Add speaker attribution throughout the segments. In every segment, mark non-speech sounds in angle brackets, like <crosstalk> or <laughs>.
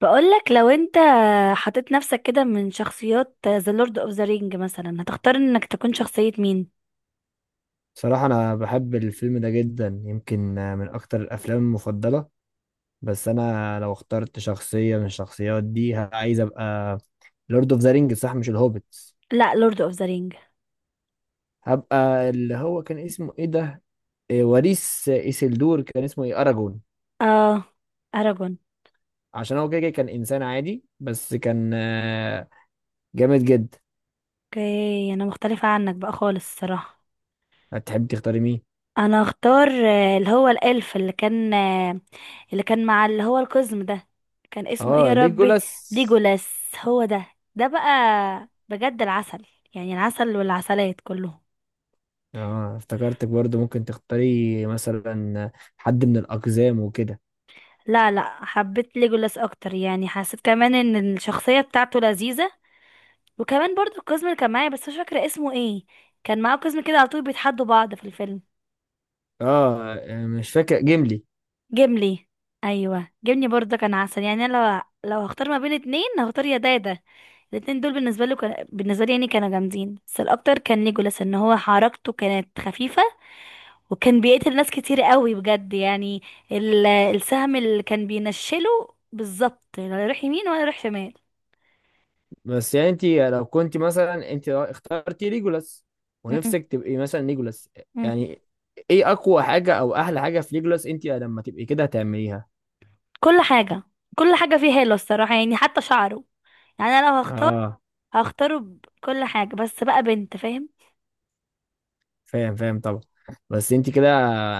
Speaker 1: بقولك لو انت حطيت نفسك كده من شخصيات ذا لورد اوف ذا رينج مثلا هتختار انك تكون شخصية مين؟
Speaker 2: صراحة أنا بحب الفيلم ده جدا، يمكن من أكتر الأفلام المفضلة. بس أنا لو اخترت شخصية من الشخصيات دي عايز أبقى لورد أوف ذا رينج، صح؟ مش الهوبيتس.
Speaker 1: لا لورد اوف ذا رينج.
Speaker 2: هبقى اللي هو كان اسمه إيه ده؟ وريث إيسلدور، كان اسمه إيه؟ أراجون.
Speaker 1: اه، اراجون.
Speaker 2: عشان هو كده كده كان إنسان عادي، بس كان جامد جدا.
Speaker 1: اوكي، انا مختلفة عنك بقى خالص الصراحة.
Speaker 2: هتحب تختاري مين؟
Speaker 1: انا اختار اللي هو الالف اللي كان اللي كان مع اللي هو القزم ده. كان اسمه ايه يا
Speaker 2: آه،
Speaker 1: ربي؟
Speaker 2: ليجولاس.
Speaker 1: ليجولاس، هو ده. ده بقى بجد العسل، يعني العسل والعسلات كلهم.
Speaker 2: آه، افتكرتك برضه ممكن تختاري مثلا حد من الأقزام وكده.
Speaker 1: لا لا، حبيت ليجولاس اكتر، يعني حسيت كمان ان الشخصيه بتاعته لذيذه. وكمان برضو القزم اللي كان معايا بس مش فاكره اسمه ايه. كان معاه قزم كده على طول بيتحدوا بعض في الفيلم.
Speaker 2: اه يعني، مش فاكر، جيملي.
Speaker 1: جيملي، ايوه جيملي، برضو كان عسل. يعني انا لو هختار ما بين اتنين هختار يا ده يا ده. الاتنين دول بالنسبه له كان... بالنسبه لي يعني كانوا جامدين، بس الاكتر كان ليجولاس، ان هو حركته كانت خفيفه. وكان بيقتل ناس كتير قوي بجد يعني. ال... السهم اللي كان بينشله بالظبط، لا يروح يمين ولا يروح شمال.
Speaker 2: بس يعني انت لو كنت مثلا، انت اخترتي ليجولاس ونفسك تبقي مثلا ليجولاس،
Speaker 1: مم.
Speaker 2: يعني ايه اقوى حاجة او احلى حاجة في ليجولاس انت لما تبقي كده هتعمليها؟
Speaker 1: كل حاجة، كل حاجة فيه حلوة الصراحة، يعني حتى شعره. يعني انا لو هختار،
Speaker 2: اه،
Speaker 1: هختاره بكل حاجة، بس بقى بنت، فاهم.
Speaker 2: فاهم فاهم طبعا. بس انت كده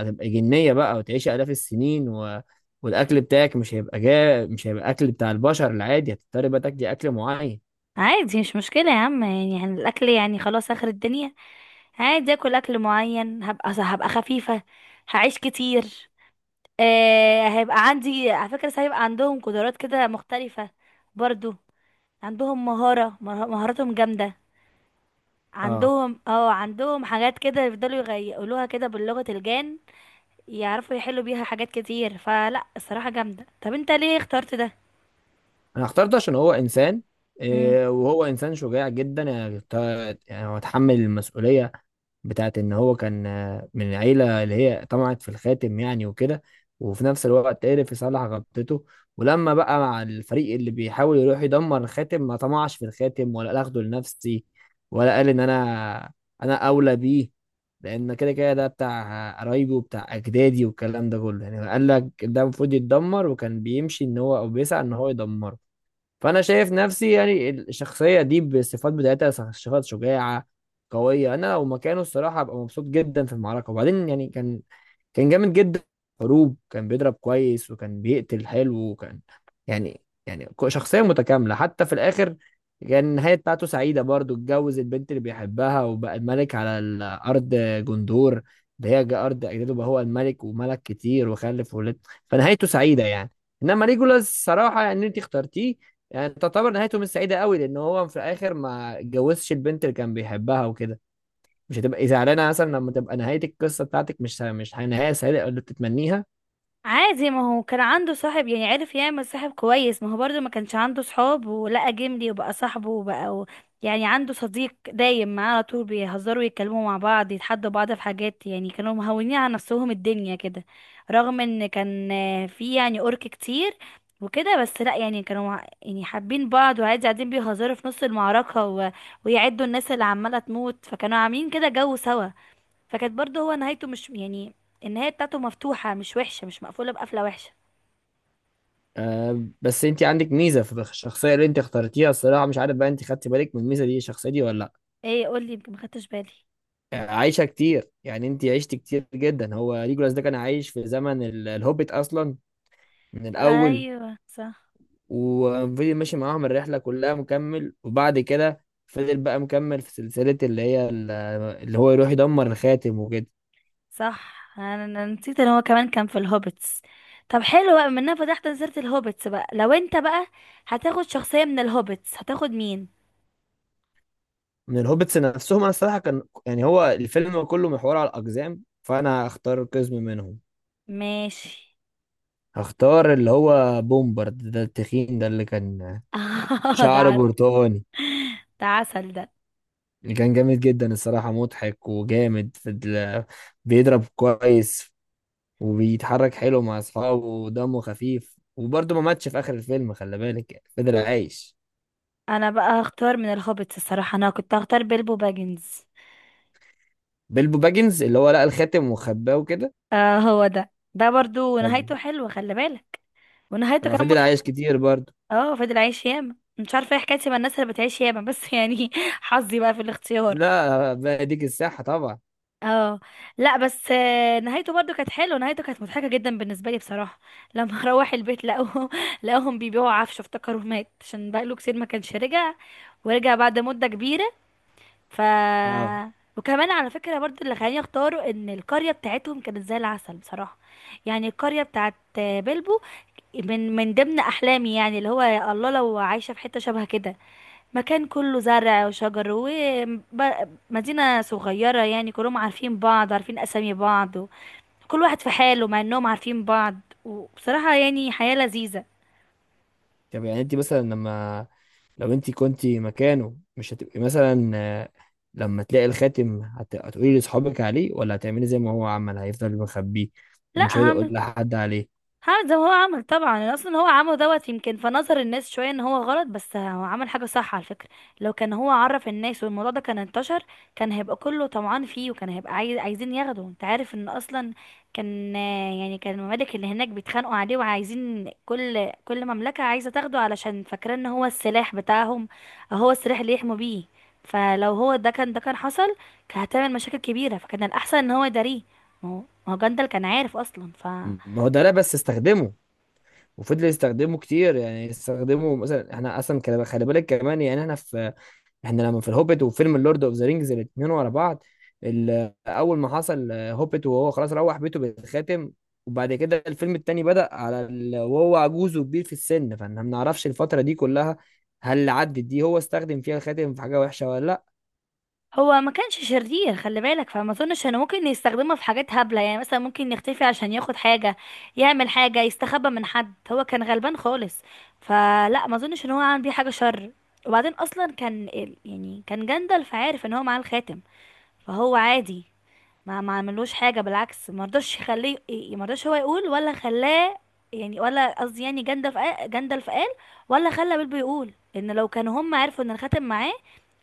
Speaker 2: هتبقى جنية بقى وتعيشي الاف السنين والاكل بتاعك مش هيبقى مش هيبقى اكل بتاع البشر العادي، هتضطري بقى تاكلي اكل معين.
Speaker 1: عادي مش مشكلة يا عم يعني, يعني الاكل يعني خلاص اخر الدنيا. عادي اكل معين. هبقى خفيفة، هعيش كتير. آه، هيبقى عندي على فكرة، هيبقى عندهم قدرات كده مختلفة برضو. عندهم مهارة مهاراتهم جامدة.
Speaker 2: اه.
Speaker 1: عندهم اه، عندهم حاجات كده يفضلوا يقولوها كده بلغة الجان. يعرفوا يحلوا بيها حاجات كتير، فلا الصراحة جامدة. طب انت ليه اخترت ده؟
Speaker 2: انا اخترته عشان هو انسان،
Speaker 1: مم.
Speaker 2: وهو انسان شجاع جدا، يعني يعني هو اتحمل المسؤولية بتاعت ان هو كان من العيله اللي هي طمعت في الخاتم يعني وكده، وفي نفس الوقت عرف يصلح غلطته. ولما بقى مع الفريق اللي بيحاول يروح يدمر الخاتم، ما طمعش في الخاتم، ولا قال اخده لنفسي، ولا قال ان انا اولى بيه لان كده كده ده بتاع قرايبي وبتاع اجدادي والكلام ده كله. يعني قال لك ده المفروض يتدمر، وكان بيمشي ان هو او بيسعى ان هو يدمره. فانا شايف نفسي يعني الشخصيه دي بالصفات بتاعتها شخص شجاعه قويه. انا لو مكانه الصراحه ابقى مبسوط جدا في المعركه، وبعدين يعني كان جامد جدا، حروب. كان بيضرب كويس، وكان بيقتل حلو، وكان يعني، يعني شخصية متكاملة. حتى في الآخر كان النهاية بتاعته سعيدة برضو، اتجوز البنت اللي بيحبها وبقى الملك على الأرض، جندور، اللي هي أرض أجداده. بقى هو الملك، وملك كتير، وخلف وولد، فنهايته سعيدة يعني. إنما ليجولاس صراحة، يعني أنت اخترتيه، يعني تعتبر نهايته مش سعيدة قوي، لأن هو في الآخر ما اتجوزش البنت اللي كان بيحبها وكده. مش هتبقي زعلانه مثلا لما تبقى نهايه القصه بتاعتك مش نهايه سعيده او اللي بتتمنيها؟
Speaker 1: عادي، ما هو كان عنده صاحب، يعني عرف يعمل صاحب كويس. ما هو برضو ما كانش عنده صحاب، ولقى جملي وبقى صاحبه وبقى و... يعني عنده صديق دايم معاه على طول، بيهزروا، يتكلموا مع بعض، يتحدوا بعض في حاجات، يعني كانوا مهونين على نفسهم الدنيا كده. رغم ان كان في يعني أورك كتير وكده، بس لا يعني كانوا يعني حابين بعض، وعادي قاعدين بيهزروا في نص المعركة و... ويعدوا الناس اللي عمالة تموت. فكانوا عاملين كده جو سوا. فكانت برضه هو نهايته مش يعني، النهاية بتاعته مفتوحة، مش وحشة، مش مقفولة بقفلة وحشة.
Speaker 2: آه بس انت عندك ميزه في الشخصيه اللي انت اخترتيها الصراحه، مش عارف بقى انت خدتي بالك من الميزه دي الشخصيه دي ولا لا.
Speaker 1: ايه قولي، يمكن ما خدتش بالي.
Speaker 2: عايشه كتير، يعني انت عشت كتير جدا. هو ليجولاس ده كان عايش في زمن الهوبيت اصلا، من الاول،
Speaker 1: ايوه صح،
Speaker 2: وفضل ماشي معاهم الرحله كلها مكمل، وبعد كده فضل بقى مكمل في سلسله اللي هي اللي هو يروح يدمر الخاتم وكده.
Speaker 1: صح، انا نسيت ان هو كمان كان في الهوبتس. طب حلو بقى، منها فتحت نزلت الهوبتس بقى، لو انت بقى هتاخد شخصية من الهوبتس هتاخد مين؟
Speaker 2: من الهوبتس نفسهم، انا الصراحه كان يعني هو الفيلم كله محور على الاقزام، فانا هختار قزم منهم.
Speaker 1: ماشي.
Speaker 2: هختار اللي هو بومبارد ده، التخين ده، اللي كان
Speaker 1: <laughs> ده
Speaker 2: شعره
Speaker 1: عسل.
Speaker 2: برتقاني،
Speaker 1: ده عسل ده.
Speaker 2: اللي كان جامد جدا الصراحه. مضحك وجامد في بيضرب كويس، وبيتحرك حلو مع اصحابه، ودمه خفيف، وبرضه ما ماتش في اخر الفيلم، خلي بالك، يعني فضل عايش.
Speaker 1: انا بقى هختار من الهوبتس، الصراحة انا كنت هختار بيلبو باجنز.
Speaker 2: بيلبو باجنز، اللي هو لقى الخاتم وخباه وكده.
Speaker 1: اه هو ده، ده برضو
Speaker 2: طب.
Speaker 1: نهايته حلوة خلي بالك. ونهايته كمان.
Speaker 2: فضل عايش كتير برضه.
Speaker 1: اه فضل عايش ياما، مش عارفه ايه حكايتي مع الناس اللي بتعيش ياما بس، <laughs> يعني حظي بقى في الاختيار.
Speaker 2: لا بقى ديك الساحه طبعا.
Speaker 1: اه. لا بس نهايته برضو كانت حلوه، نهايته كانت مضحكه جدا بالنسبه لي بصراحه. لما <laughs> روح البيت لقوه، لقوهم بيبيعوا عفشه، افتكروا مات عشان بقاله كتير ما كانش رجع، ورجع بعد مده كبيره. ف...
Speaker 2: اه.
Speaker 1: وكمان على فكرة برضو اللي خلاني اختاره ان القرية بتاعتهم كانت زي العسل بصراحة. يعني القرية بتاعت بلبو من ضمن احلامي، يعني اللي هو يا الله لو عايشة في حتة شبه كده، مكان كله زرع وشجر ومدينة صغيرة، يعني كلهم عارفين بعض، عارفين اسامي بعض و... كل واحد في حاله مع انهم عارفين بعض. وبصراحة يعني حياة لذيذة.
Speaker 2: طب يعني انت مثلا، لما لو انت كنت مكانه مش هتبقي مثلا، لما تلاقي الخاتم هتقولي لاصحابك عليه، ولا هتعملي زي ما هو عمل، هيفضل مخبيه
Speaker 1: لا،
Speaker 2: ومش هيقدر يقول لحد عليه؟
Speaker 1: هعمل زي ما هو عمل طبعا. أنا اصلا هو عمله دوت، يمكن في نظر الناس شويه ان هو غلط، بس هو عمل حاجه صح على فكره. لو كان هو عرف الناس والموضوع ده كان انتشر، كان هيبقى كله طمعان فيه، وكان هيبقى عايزين ياخده. انت عارف ان اصلا كان يعني كان الممالك اللي هناك بيتخانقوا عليه وعايزين، كل مملكه عايزه تاخده علشان فاكره ان هو السلاح بتاعهم، أو هو السلاح اللي يحموا بيه. فلو هو ده كان، ده كان حصل كان هتعمل مشاكل كبيره، فكان الاحسن ان هو يداريه. ما هو، ما هو جندل كان عارف اصلا، ف...
Speaker 2: ما هو ده، لا بس استخدمه وفضل يستخدمه كتير يعني. استخدمه مثلا، احنا اصلا خلي بالك كمان، يعني احنا لما في الهوبيت وفيلم اللورد اوف ذا رينجز، الاثنين ورا بعض. اول ما حصل هوبيت وهو خلاص روح بيته بالخاتم، وبعد كده الفيلم التاني بدأ على وهو عجوز وكبير في السن، فاحنا ما نعرفش الفترة دي كلها، هل عدت دي هو استخدم فيها الخاتم في حاجة وحشة ولا لا.
Speaker 1: هو ما كانش شرير خلي بالك، فما اظنش انه ممكن يستخدمه في حاجات هبلة. يعني مثلا ممكن يختفي عشان ياخد حاجة، يعمل حاجة، يستخبى من حد، هو كان غلبان خالص. فلا ما اظنش ان هو عمل بيه حاجة شر. وبعدين اصلا كان يعني كان جندل فعارف ان هو معاه الخاتم، فهو عادي ما عملوش حاجه. بالعكس ما رضاش يخليه ما رضاش هو يقول ولا خلاه، يعني ولا قصدي يعني جندلف قال، ولا خلى بيلبو يقول، ان لو كانوا هم عرفوا ان الخاتم معاه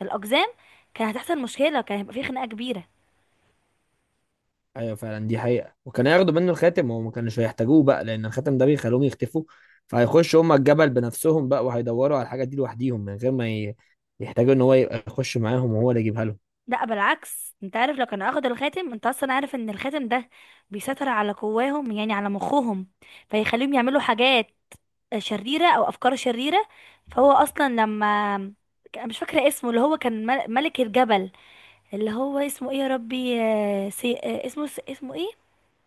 Speaker 1: الاقزام كان هتحصل مشكله وكان هيبقى في خناقه كبيره.
Speaker 2: ايوه فعلا، دي حقيقة. وكان ياخدوا منه الخاتم، وما كانوش هيحتاجوه بقى، لان الخاتم ده بيخلوهم يختفوا، فهيخشوا هم الجبل بنفسهم بقى وهيدوروا على الحاجة دي لوحديهم، من غير ما يحتاجوا ان هو يبقى يخش معاهم وهو اللي يجيبها لهم.
Speaker 1: لا بالعكس، انت عارف لو كانوا اخدوا الخاتم، انت اصلا عارف ان الخاتم ده بيسيطر على قواهم، يعني على مخهم، فيخليهم يعملوا حاجات شريره او افكار شريره. فهو اصلا لما، مش فاكره اسمه، اللي هو كان ملك الجبل، اللي هو اسمه ايه يا ربي؟ آه، سي... آه، اسمه، اسمه ايه؟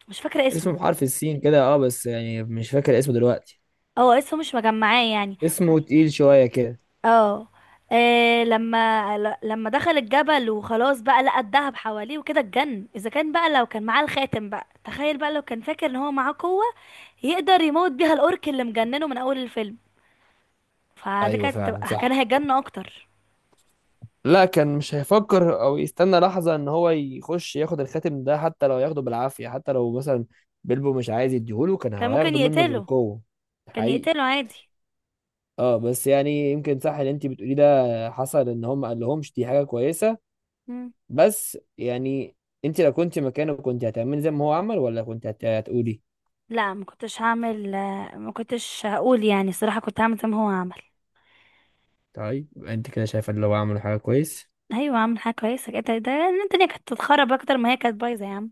Speaker 1: مش فاكره
Speaker 2: اسمه
Speaker 1: اسمه.
Speaker 2: بحرف السين كده، اه، بس يعني مش فاكر اسمه دلوقتي.
Speaker 1: اه اسمه مش مجمعاه يعني.
Speaker 2: اسمه تقيل شوية كده.
Speaker 1: اه. آه، لما لما دخل الجبل وخلاص بقى لقى الذهب حواليه وكده اتجن، اذا كان بقى لو كان معاه الخاتم بقى، تخيل بقى لو كان فاكر ان هو معاه قوه يقدر يموت بيها الاورك اللي مجننه من اول الفيلم. فدي
Speaker 2: ايوه
Speaker 1: كانت
Speaker 2: فعلا،
Speaker 1: كان
Speaker 2: صح.
Speaker 1: هيتجن اكتر.
Speaker 2: لا، كان مش هيفكر او يستنى لحظة ان هو يخش ياخد الخاتم ده، حتى لو ياخده بالعافية، حتى لو مثلا بيلبو مش عايز يديهوله كان
Speaker 1: كان ممكن
Speaker 2: هياخده منه
Speaker 1: يقتله،
Speaker 2: بالقوة.
Speaker 1: كان
Speaker 2: حقيقي.
Speaker 1: يقتله عادي.
Speaker 2: اه، بس يعني يمكن صح اللي انت بتقوليه ده، حصل ان هم ما قالهمش دي حاجة كويسة.
Speaker 1: مم.
Speaker 2: بس يعني، انت لو كنت مكانه كنت هتعملي زي ما هو عمل، ولا كنت هتقولي؟
Speaker 1: لا ما كنتش هعمل ما كنتش هقول، يعني الصراحه كنت هعمل زي ما هو عمل.
Speaker 2: طيب انت كده شايفه ان هو عمل حاجة كويس.
Speaker 1: ايوه، عامل حاجه كويسه كده، ده إن الدنيا كانت تتخرب اكتر ما هي كانت بايظه يا عم.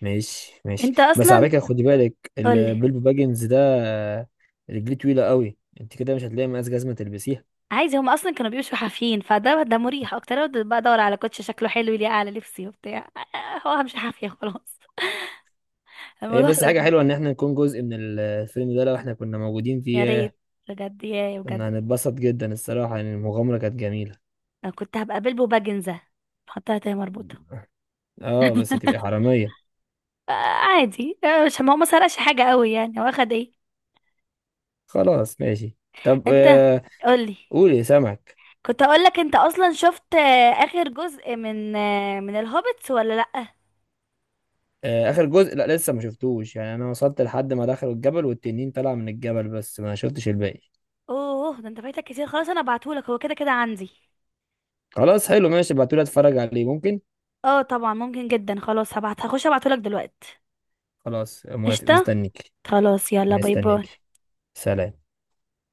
Speaker 2: ماشي ماشي.
Speaker 1: انت
Speaker 2: بس على
Speaker 1: اصلا،
Speaker 2: فكرة، خدي بالك،
Speaker 1: قولي.
Speaker 2: البيلبو باجنز ده رجليه طويلة قوي، انت كده مش هتلاقي مقاس جزمة تلبسيها.
Speaker 1: عايزه، هم اصلا كانوا بيمشوا حافيين، فده ده مريح اكتر. أنا بقى ادور على كوتش شكله حلو يليق على لبسي وبتاع. <laughs> هو همشي حافيه خلاص. <laughs>
Speaker 2: هي
Speaker 1: الموضوع
Speaker 2: بس حاجة
Speaker 1: لذيذ.
Speaker 2: حلوة ان احنا نكون جزء من الفيلم ده، لو احنا كنا موجودين
Speaker 1: يا
Speaker 2: فيه ياه.
Speaker 1: ريت بجد، يا بجد.
Speaker 2: كنا هنتبسط جدا الصراحة، يعني المغامرة كانت جميلة.
Speaker 1: انا كنت هبقى بلبو باجنزه، حطها تاني مربوطه.
Speaker 2: اه بس هتبقي حرامية.
Speaker 1: آه، عادي، مش، ما هو ما سرقش حاجه قوي، يعني هو اخد ايه؟
Speaker 2: خلاص، ماشي. طب،
Speaker 1: انت،
Speaker 2: آه،
Speaker 1: قولي.
Speaker 2: قولي سمك.
Speaker 1: كنت اقول لك، انت اصلا شفت اخر جزء من آه، من الهوبيتس ولا لا؟
Speaker 2: آه، اخر جزء، لا لسه ما شفتوش يعني، انا وصلت لحد ما دخلوا الجبل والتنين طلع من الجبل، بس ما شفتش الباقي.
Speaker 1: اوه، ده انت فايتك كتير. خلاص انا ابعتهولك، هو كده كده عندي.
Speaker 2: خلاص حلو، ماشي، ابعتولي اتفرج عليه ممكن.
Speaker 1: اه طبعا، ممكن جدا، خلاص هبعت، هخش ابعتهولك دلوقتي.
Speaker 2: خلاص، موافق،
Speaker 1: قشطة.
Speaker 2: مستنيك.
Speaker 1: خلاص يلا باي باي.
Speaker 2: مستنيك. سلام.